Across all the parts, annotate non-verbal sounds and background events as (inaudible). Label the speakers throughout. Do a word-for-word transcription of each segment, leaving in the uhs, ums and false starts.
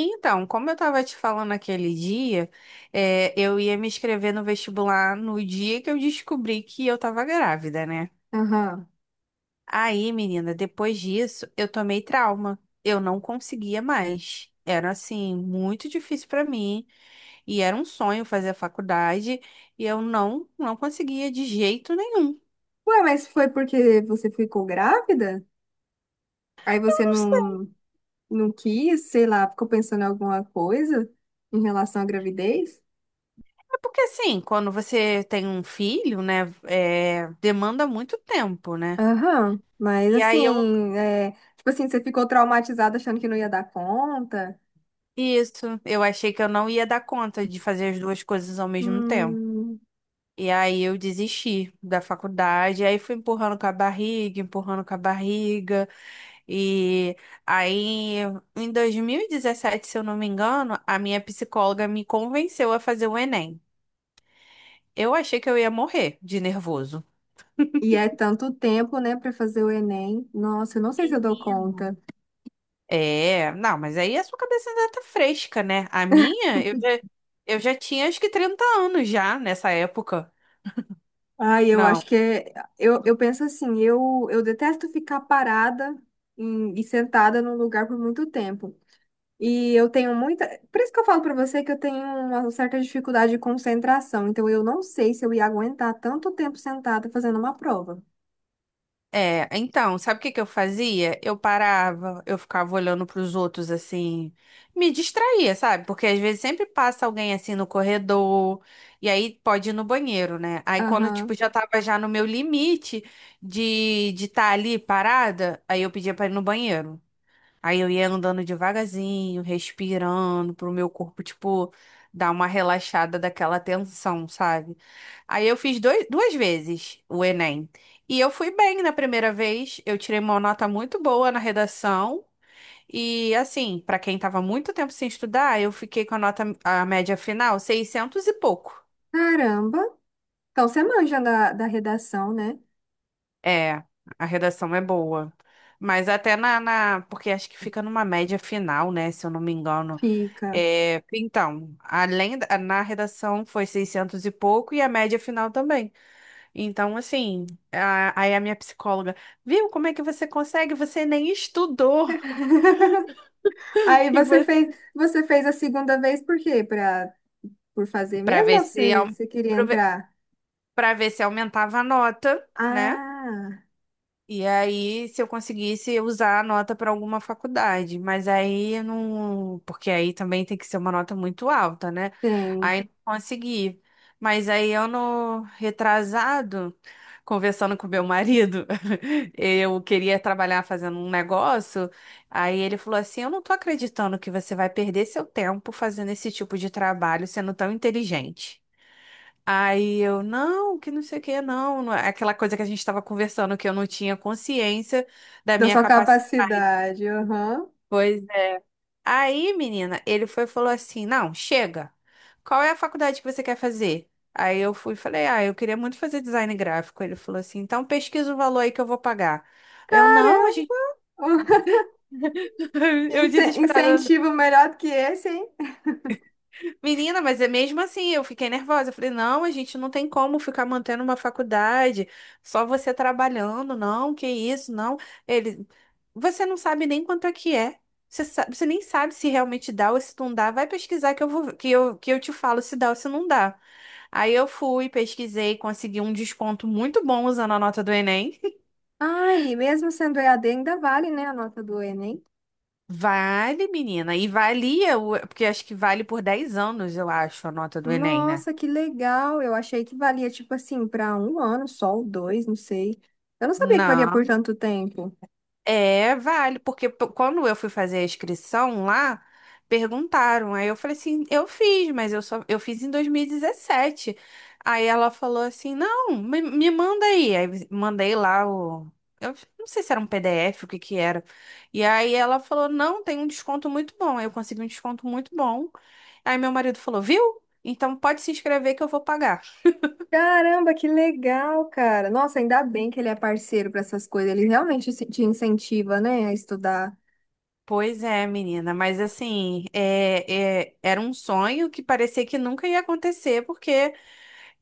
Speaker 1: Então, como eu estava te falando aquele dia, é, eu ia me inscrever no vestibular no dia que eu descobri que eu estava grávida, né?
Speaker 2: Aham.
Speaker 1: Aí, menina, depois disso, eu tomei trauma. Eu não conseguia mais. Era assim, muito difícil para mim. E era um sonho fazer a faculdade. E eu não, não conseguia de jeito nenhum.
Speaker 2: Ué, mas foi porque você ficou grávida? Aí você
Speaker 1: Não sei,
Speaker 2: não, não quis, sei lá, ficou pensando em alguma coisa em relação à gravidez?
Speaker 1: é porque assim, quando você tem um filho, né, é, demanda muito tempo, né?
Speaker 2: Aham. Mas
Speaker 1: E aí eu
Speaker 2: assim, é, tipo assim, você ficou traumatizada achando que não ia dar conta?
Speaker 1: Isso, eu achei que eu não ia dar conta de fazer as duas coisas ao mesmo tempo.
Speaker 2: Hum.
Speaker 1: E aí eu desisti da faculdade, aí fui empurrando com a barriga, empurrando com a barriga. E aí, em dois mil e dezessete, se eu não me engano, a minha psicóloga me convenceu a fazer o Enem. Eu achei que eu ia morrer de nervoso.
Speaker 2: E é tanto tempo, né, pra fazer o Enem. Nossa, eu não sei se eu dou
Speaker 1: Menino.
Speaker 2: conta.
Speaker 1: É, não, mas aí a sua cabeça ainda tá fresca, né? A minha, eu já, eu já tinha acho que trinta anos já nessa época.
Speaker 2: Ai, eu acho
Speaker 1: Não.
Speaker 2: que é, eu, eu penso assim, eu, eu detesto ficar parada em- e sentada num lugar por muito tempo. E eu tenho muita. Por isso que eu falo pra você que eu tenho uma certa dificuldade de concentração. Então eu não sei se eu ia aguentar tanto tempo sentada fazendo uma prova.
Speaker 1: É, então, sabe o que que eu fazia? Eu parava, eu ficava olhando pros outros assim, me distraía, sabe? Porque às vezes sempre passa alguém assim no corredor, e aí pode ir no banheiro, né? Aí quando tipo
Speaker 2: Aham.
Speaker 1: já tava já no meu limite de de estar ali parada, aí eu pedia pra ir no banheiro. Aí eu ia andando devagarzinho, respirando, pro meu corpo, tipo, dar uma relaxada daquela tensão, sabe? Aí eu fiz dois, duas vezes o Enem. E eu fui bem na primeira vez, eu tirei uma nota muito boa na redação. E assim, pra quem tava muito tempo sem estudar, eu fiquei com a nota, a média final, seiscentos e pouco.
Speaker 2: Caramba. Então você manja da, da redação, né?
Speaker 1: É, a redação é boa. Mas até na, na- Porque acho que fica numa média final, né? Se eu não me engano.
Speaker 2: Fica.
Speaker 1: É, então, além da, na redação foi seiscentos e pouco e a média final também. Então, assim, a- aí a minha psicóloga, viu como é que você consegue? Você nem estudou.
Speaker 2: (laughs) Aí
Speaker 1: (laughs) E
Speaker 2: você
Speaker 1: você...
Speaker 2: fez, você fez a segunda vez por quê? Pra, por fazer
Speaker 1: Para
Speaker 2: mesmo
Speaker 1: ver
Speaker 2: ou
Speaker 1: se,
Speaker 2: você, você queria
Speaker 1: para ver
Speaker 2: entrar?
Speaker 1: pra ver se aumentava a nota, né?
Speaker 2: Ah,
Speaker 1: E aí, se eu conseguisse usar a nota para alguma faculdade, mas aí eu não, porque aí também tem que ser uma nota muito alta, né?
Speaker 2: tem.
Speaker 1: Aí não consegui. Mas aí ano retrasado, conversando com meu marido, (laughs) eu queria trabalhar fazendo um negócio, aí ele falou assim: "Eu não tô acreditando que você vai perder seu tempo fazendo esse tipo de trabalho, sendo tão inteligente". Aí eu, não, que não sei o que, não, não é aquela coisa que a gente estava conversando, que eu não tinha consciência da
Speaker 2: Da
Speaker 1: minha
Speaker 2: sua
Speaker 1: capacidade.
Speaker 2: capacidade. Aham.
Speaker 1: Pois é. Aí, menina, ele foi e falou assim: não, chega, qual é a faculdade que você quer fazer? Aí eu fui e falei: ah, eu queria muito fazer design gráfico. Ele falou assim: então pesquisa o valor aí que eu vou pagar. Eu, não, a gente,
Speaker 2: Caramba. (laughs)
Speaker 1: (laughs) eu
Speaker 2: Ince-
Speaker 1: desesperada,
Speaker 2: Incentivo melhor do que esse, hein?
Speaker 1: Menina, mas é mesmo assim, eu fiquei nervosa. Eu falei, não, a gente não tem como ficar mantendo uma faculdade, só você trabalhando, não, que isso, não. Ele, você não sabe nem quanto é que é. Você sabe, você nem sabe se realmente dá ou se não dá. Vai pesquisar que eu vou, que eu, que eu te falo se dá ou se não dá. Aí eu fui, pesquisei, consegui um desconto muito bom usando a nota do Enem. (laughs)
Speaker 2: Ai mesmo sendo E A D, ainda vale, né, a nota do Enem?
Speaker 1: Vale, menina, e valia, o- porque acho que vale por dez anos, eu acho, a nota do Enem, né?
Speaker 2: Nossa, que legal! Eu achei que valia, tipo assim, para um ano só, ou dois, não sei. Eu não sabia que valia por
Speaker 1: Não.
Speaker 2: tanto tempo.
Speaker 1: É, vale, porque p- quando eu fui fazer a inscrição lá, perguntaram. Aí eu falei assim, eu fiz, mas eu só eu fiz em dois mil e dezessete. Aí ela falou assim, não, me, me manda aí. Aí mandei lá o eu não sei se era um P D F, o que que era. E aí ela falou, não, tem um desconto muito bom. Aí eu consegui um desconto muito bom. Aí meu marido falou, viu? Então pode se inscrever que eu vou pagar.
Speaker 2: Caramba, que legal, cara! Nossa, ainda bem que ele é parceiro para essas coisas. Ele realmente se- te incentiva, né, a estudar.
Speaker 1: Pois é, menina, mas assim, é, é- era um sonho que parecia que nunca ia acontecer, porque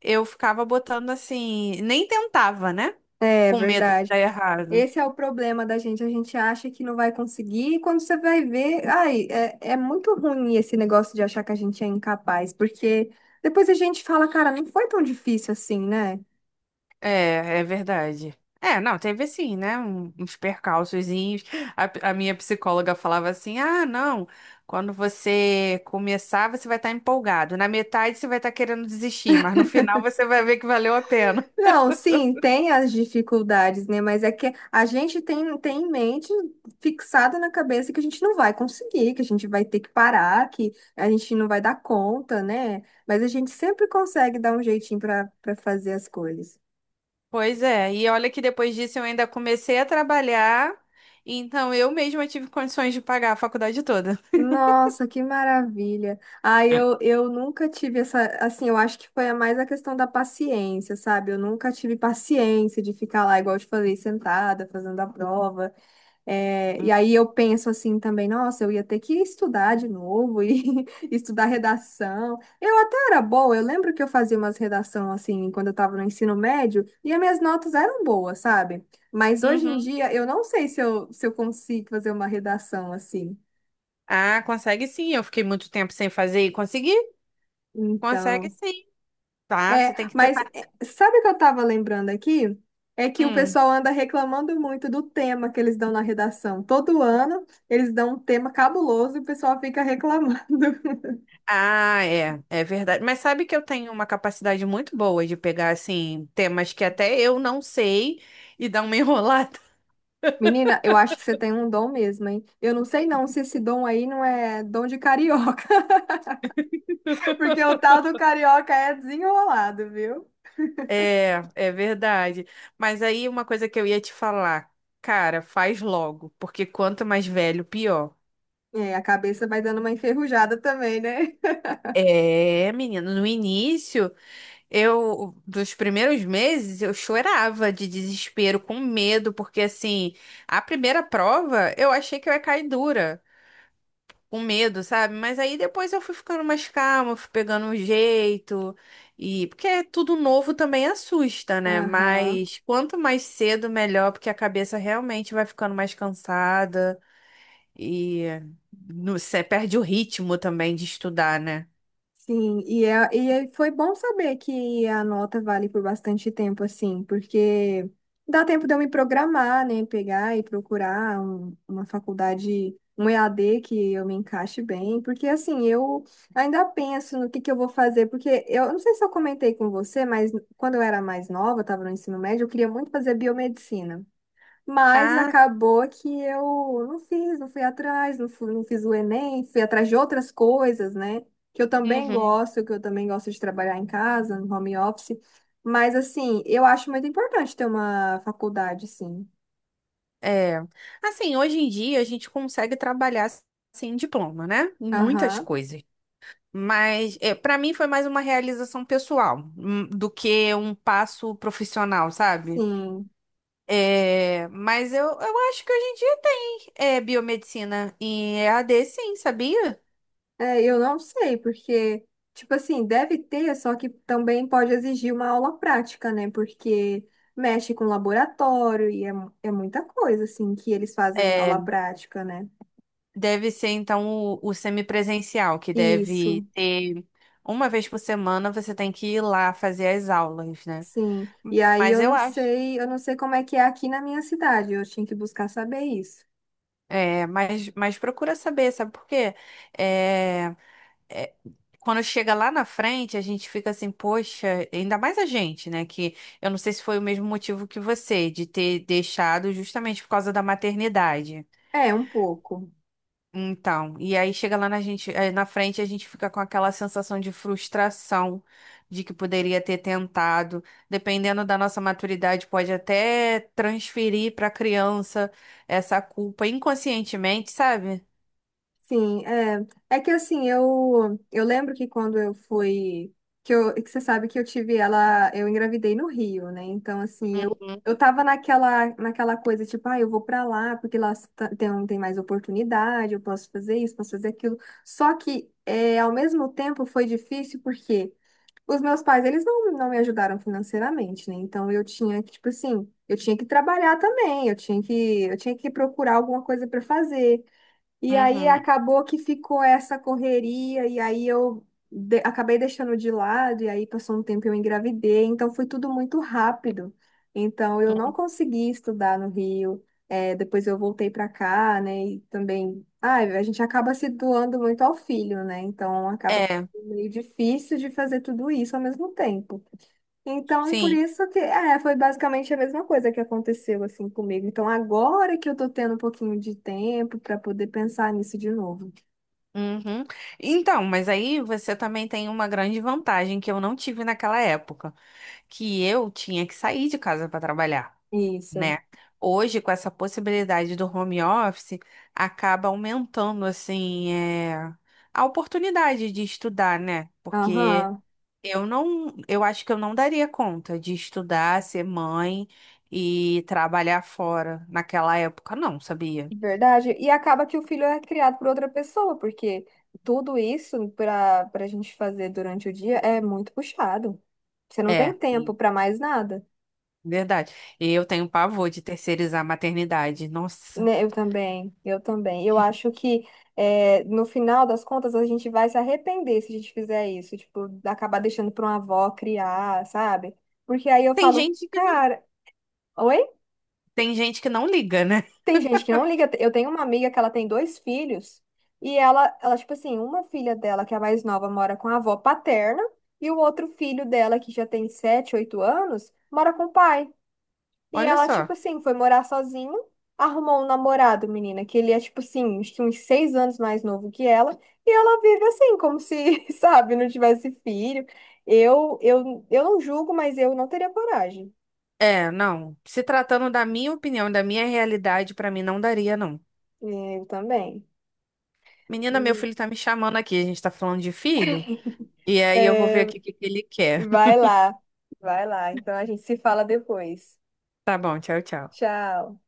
Speaker 1: eu ficava botando assim, nem tentava, né?
Speaker 2: É
Speaker 1: Com medo de
Speaker 2: verdade.
Speaker 1: dar errado.
Speaker 2: Esse é o problema da gente. A gente acha que não vai conseguir, e quando você vai ver, ai, é, é muito ruim esse negócio de achar que a gente é incapaz, porque depois a gente fala, cara, não foi tão difícil assim, né?
Speaker 1: É, é verdade. É, não, teve assim, né? um- Uns percalçozinhos. A, a minha psicóloga falava assim: ah, não, quando você começar, você vai estar empolgado. Na metade, você vai estar querendo desistir, mas no final, você vai ver que valeu a pena.
Speaker 2: Não, sim, tem as dificuldades, né? Mas é que a gente tem, tem em mente, fixado na cabeça, que a gente não vai conseguir, que a gente vai ter que parar, que a gente não vai dar conta, né? Mas a gente sempre consegue dar um jeitinho para para fazer as coisas.
Speaker 1: Pois é, e olha que depois disso eu ainda comecei a trabalhar, então eu mesma tive condições de pagar a faculdade toda.
Speaker 2: Nossa, que maravilha. Ah, eu, eu nunca tive essa, assim, eu acho que foi a mais a questão da paciência, sabe? Eu nunca tive paciência de ficar lá, igual eu te falei, sentada, fazendo a prova. É, e aí eu penso assim também, nossa, eu ia ter que estudar de novo e (laughs) estudar redação. Eu até era boa, eu lembro que eu fazia umas redação assim, quando eu estava no ensino médio, e as minhas notas eram boas, sabe? Mas hoje em
Speaker 1: Uhum.
Speaker 2: dia, eu não sei se eu, se eu consigo fazer uma redação assim.
Speaker 1: Ah, consegue sim, eu fiquei muito tempo sem fazer e consegui? Consegue
Speaker 2: Então,
Speaker 1: sim, tá?
Speaker 2: é,
Speaker 1: Você tem que
Speaker 2: mas
Speaker 1: tentar.
Speaker 2: é, sabe o que eu estava lembrando aqui? É que o
Speaker 1: Hum.
Speaker 2: pessoal anda reclamando muito do tema que eles dão na redação. Todo ano eles dão um tema cabuloso e o pessoal fica reclamando. (laughs)
Speaker 1: Ah, é, é verdade. Mas sabe que eu tenho uma capacidade muito boa de pegar, assim, temas que até eu não sei e dar uma (laughs) enrolada.
Speaker 2: Menina, eu acho que você tem um dom mesmo, hein? Eu não sei não se esse dom aí não é dom de carioca, (laughs) porque o tal do carioca é desenrolado, viu?
Speaker 1: É, é verdade. Mas aí uma coisa que eu ia te falar, cara, faz logo, porque quanto mais velho, pior.
Speaker 2: É, a cabeça vai dando uma enferrujada também, né? (laughs)
Speaker 1: É, menina. No início, eu, dos primeiros meses, eu chorava de desespero, com medo, porque assim, a primeira prova eu achei que eu ia cair dura, com medo, sabe? Mas aí depois eu fui ficando mais calma, fui pegando um jeito, e porque é tudo novo também assusta, né?
Speaker 2: Aham.
Speaker 1: Mas quanto mais cedo, melhor, porque a cabeça realmente vai ficando mais cansada e você perde o ritmo também de estudar, né?
Speaker 2: Sim, e, é, e é- foi bom saber que a nota vale por bastante tempo, assim, porque dá tempo de eu me programar, né? Pegar e procurar um- uma faculdade, um E A D que eu me encaixe bem, porque assim, eu ainda penso no que que eu vou fazer, porque eu não sei se eu comentei com você, mas quando eu era mais nova, estava no ensino médio, eu queria muito fazer biomedicina. Mas
Speaker 1: Ah,
Speaker 2: acabou que eu não fiz, não fui atrás, não fui, não fiz o Enem, fui atrás de outras coisas, né? Que eu também
Speaker 1: uhum.
Speaker 2: gosto, que eu também gosto de trabalhar em casa, no home office. Mas, assim, eu acho muito importante ter uma faculdade, sim.
Speaker 1: É, assim, hoje em dia a gente consegue trabalhar sem diploma, né? Em muitas
Speaker 2: Aham,
Speaker 1: coisas. Mas é, para mim foi mais uma realização pessoal hum, do que um passo profissional, sabe?
Speaker 2: sim.
Speaker 1: É, mas eu, eu acho que hoje em dia tem é, biomedicina em E A D, sim, sabia?
Speaker 2: É, eu não sei, porque, tipo assim, deve ter, só que também pode exigir uma aula prática, né? Porque mexe com laboratório e é, mu- é muita coisa, assim, que eles fazem em
Speaker 1: É,
Speaker 2: aula prática, né?
Speaker 1: deve ser então o, o semipresencial, que deve
Speaker 2: Isso.
Speaker 1: ter uma vez por semana você tem que ir lá fazer as aulas, né?
Speaker 2: Sim. E aí
Speaker 1: Mas
Speaker 2: eu
Speaker 1: eu
Speaker 2: não
Speaker 1: acho.
Speaker 2: sei, eu não sei como é que é aqui na minha cidade. Eu tinha que buscar saber isso.
Speaker 1: É, mas, mas procura saber, sabe por quê? É, é, quando chega lá na frente, a gente fica assim, poxa, ainda mais a gente, né? Que eu não sei se foi o mesmo motivo que você, de ter deixado justamente por causa da maternidade.
Speaker 2: É, um pouco.
Speaker 1: Então, e aí chega lá na gente, eh, na frente, a gente fica com aquela sensação de frustração de que poderia ter tentado. Dependendo da nossa maturidade, pode até transferir para a criança essa culpa inconscientemente, sabe?
Speaker 2: Sim, é. É que assim, eu eu lembro que quando eu fui que eu que você sabe que eu tive ela, eu engravidei no Rio, né? Então assim, eu eu tava naquela naquela coisa tipo, ah, eu vou pra lá porque lá tá- tem um, tem mais oportunidade, eu posso fazer isso, posso fazer aquilo. Só que é, ao mesmo tempo foi difícil porque os meus pais, eles não, não me ajudaram financeiramente, né? Então eu tinha que, tipo assim, eu tinha que trabalhar também, eu tinha que, eu tinha que procurar alguma coisa para fazer. E aí
Speaker 1: Uhum.
Speaker 2: acabou que ficou essa correria, e aí eu de- acabei deixando de lado, e aí passou um tempo e eu engravidei, então foi tudo muito rápido. Então eu não consegui estudar no Rio, é, depois eu voltei para cá, né? E também, ah, a gente acaba se doando muito ao filho, né? Então acaba
Speaker 1: É,
Speaker 2: meio difícil de fazer tudo isso ao mesmo tempo. Então, por
Speaker 1: sim.
Speaker 2: isso que é, foi basicamente a mesma coisa que aconteceu assim comigo. Então, agora que eu tô tendo um pouquinho de tempo para poder pensar nisso de novo.
Speaker 1: Uhum. Então, mas aí você também tem uma grande vantagem que eu não tive naquela época, que eu tinha que sair de casa para trabalhar,
Speaker 2: Isso.
Speaker 1: né? Hoje, com essa possibilidade do home office, acaba aumentando, assim, é, a oportunidade de estudar, né? Porque
Speaker 2: Aham,
Speaker 1: eu não, eu acho que eu não daria conta de estudar, ser mãe e trabalhar fora naquela época, não, sabia?
Speaker 2: verdade. E acaba que o filho é criado por outra pessoa, porque tudo isso para para a gente fazer durante o dia é muito puxado. Você não tem
Speaker 1: É.
Speaker 2: tempo para mais nada.
Speaker 1: Verdade. E eu tenho pavor de terceirizar a maternidade. Nossa.
Speaker 2: Né, eu também, eu também. Eu acho que é no final das contas a gente vai se arrepender se a gente fizer isso, tipo, acabar deixando para uma avó criar, sabe? Porque aí eu
Speaker 1: Tem
Speaker 2: falo,
Speaker 1: gente que não,
Speaker 2: cara, oi?
Speaker 1: tem gente que não liga, né? (laughs)
Speaker 2: Tem gente que não liga. Eu tenho uma amiga que ela tem dois filhos e ela, ela tipo assim, uma filha dela, que é a mais nova, mora com a avó paterna e o outro filho dela, que já tem sete, oito anos, mora com o pai. E
Speaker 1: Olha
Speaker 2: ela, tipo
Speaker 1: só.
Speaker 2: assim, foi morar sozinha, arrumou um namorado, menina, que ele é, tipo assim, acho que uns seis anos mais novo que ela, e ela vive assim, como se, (laughs) sabe, não tivesse filho. Eu, eu, eu não julgo, mas eu não teria coragem.
Speaker 1: É, não. Se tratando da minha opinião, da minha realidade, pra mim não daria, não.
Speaker 2: Eu também.
Speaker 1: Menina, meu filho tá me chamando aqui. A gente tá falando de filho. E aí eu vou
Speaker 2: É,
Speaker 1: ver aqui o que que ele quer. (laughs)
Speaker 2: vai lá, vai lá. Então a gente se fala depois.
Speaker 1: Tá bom, tchau, tchau.
Speaker 2: Tchau.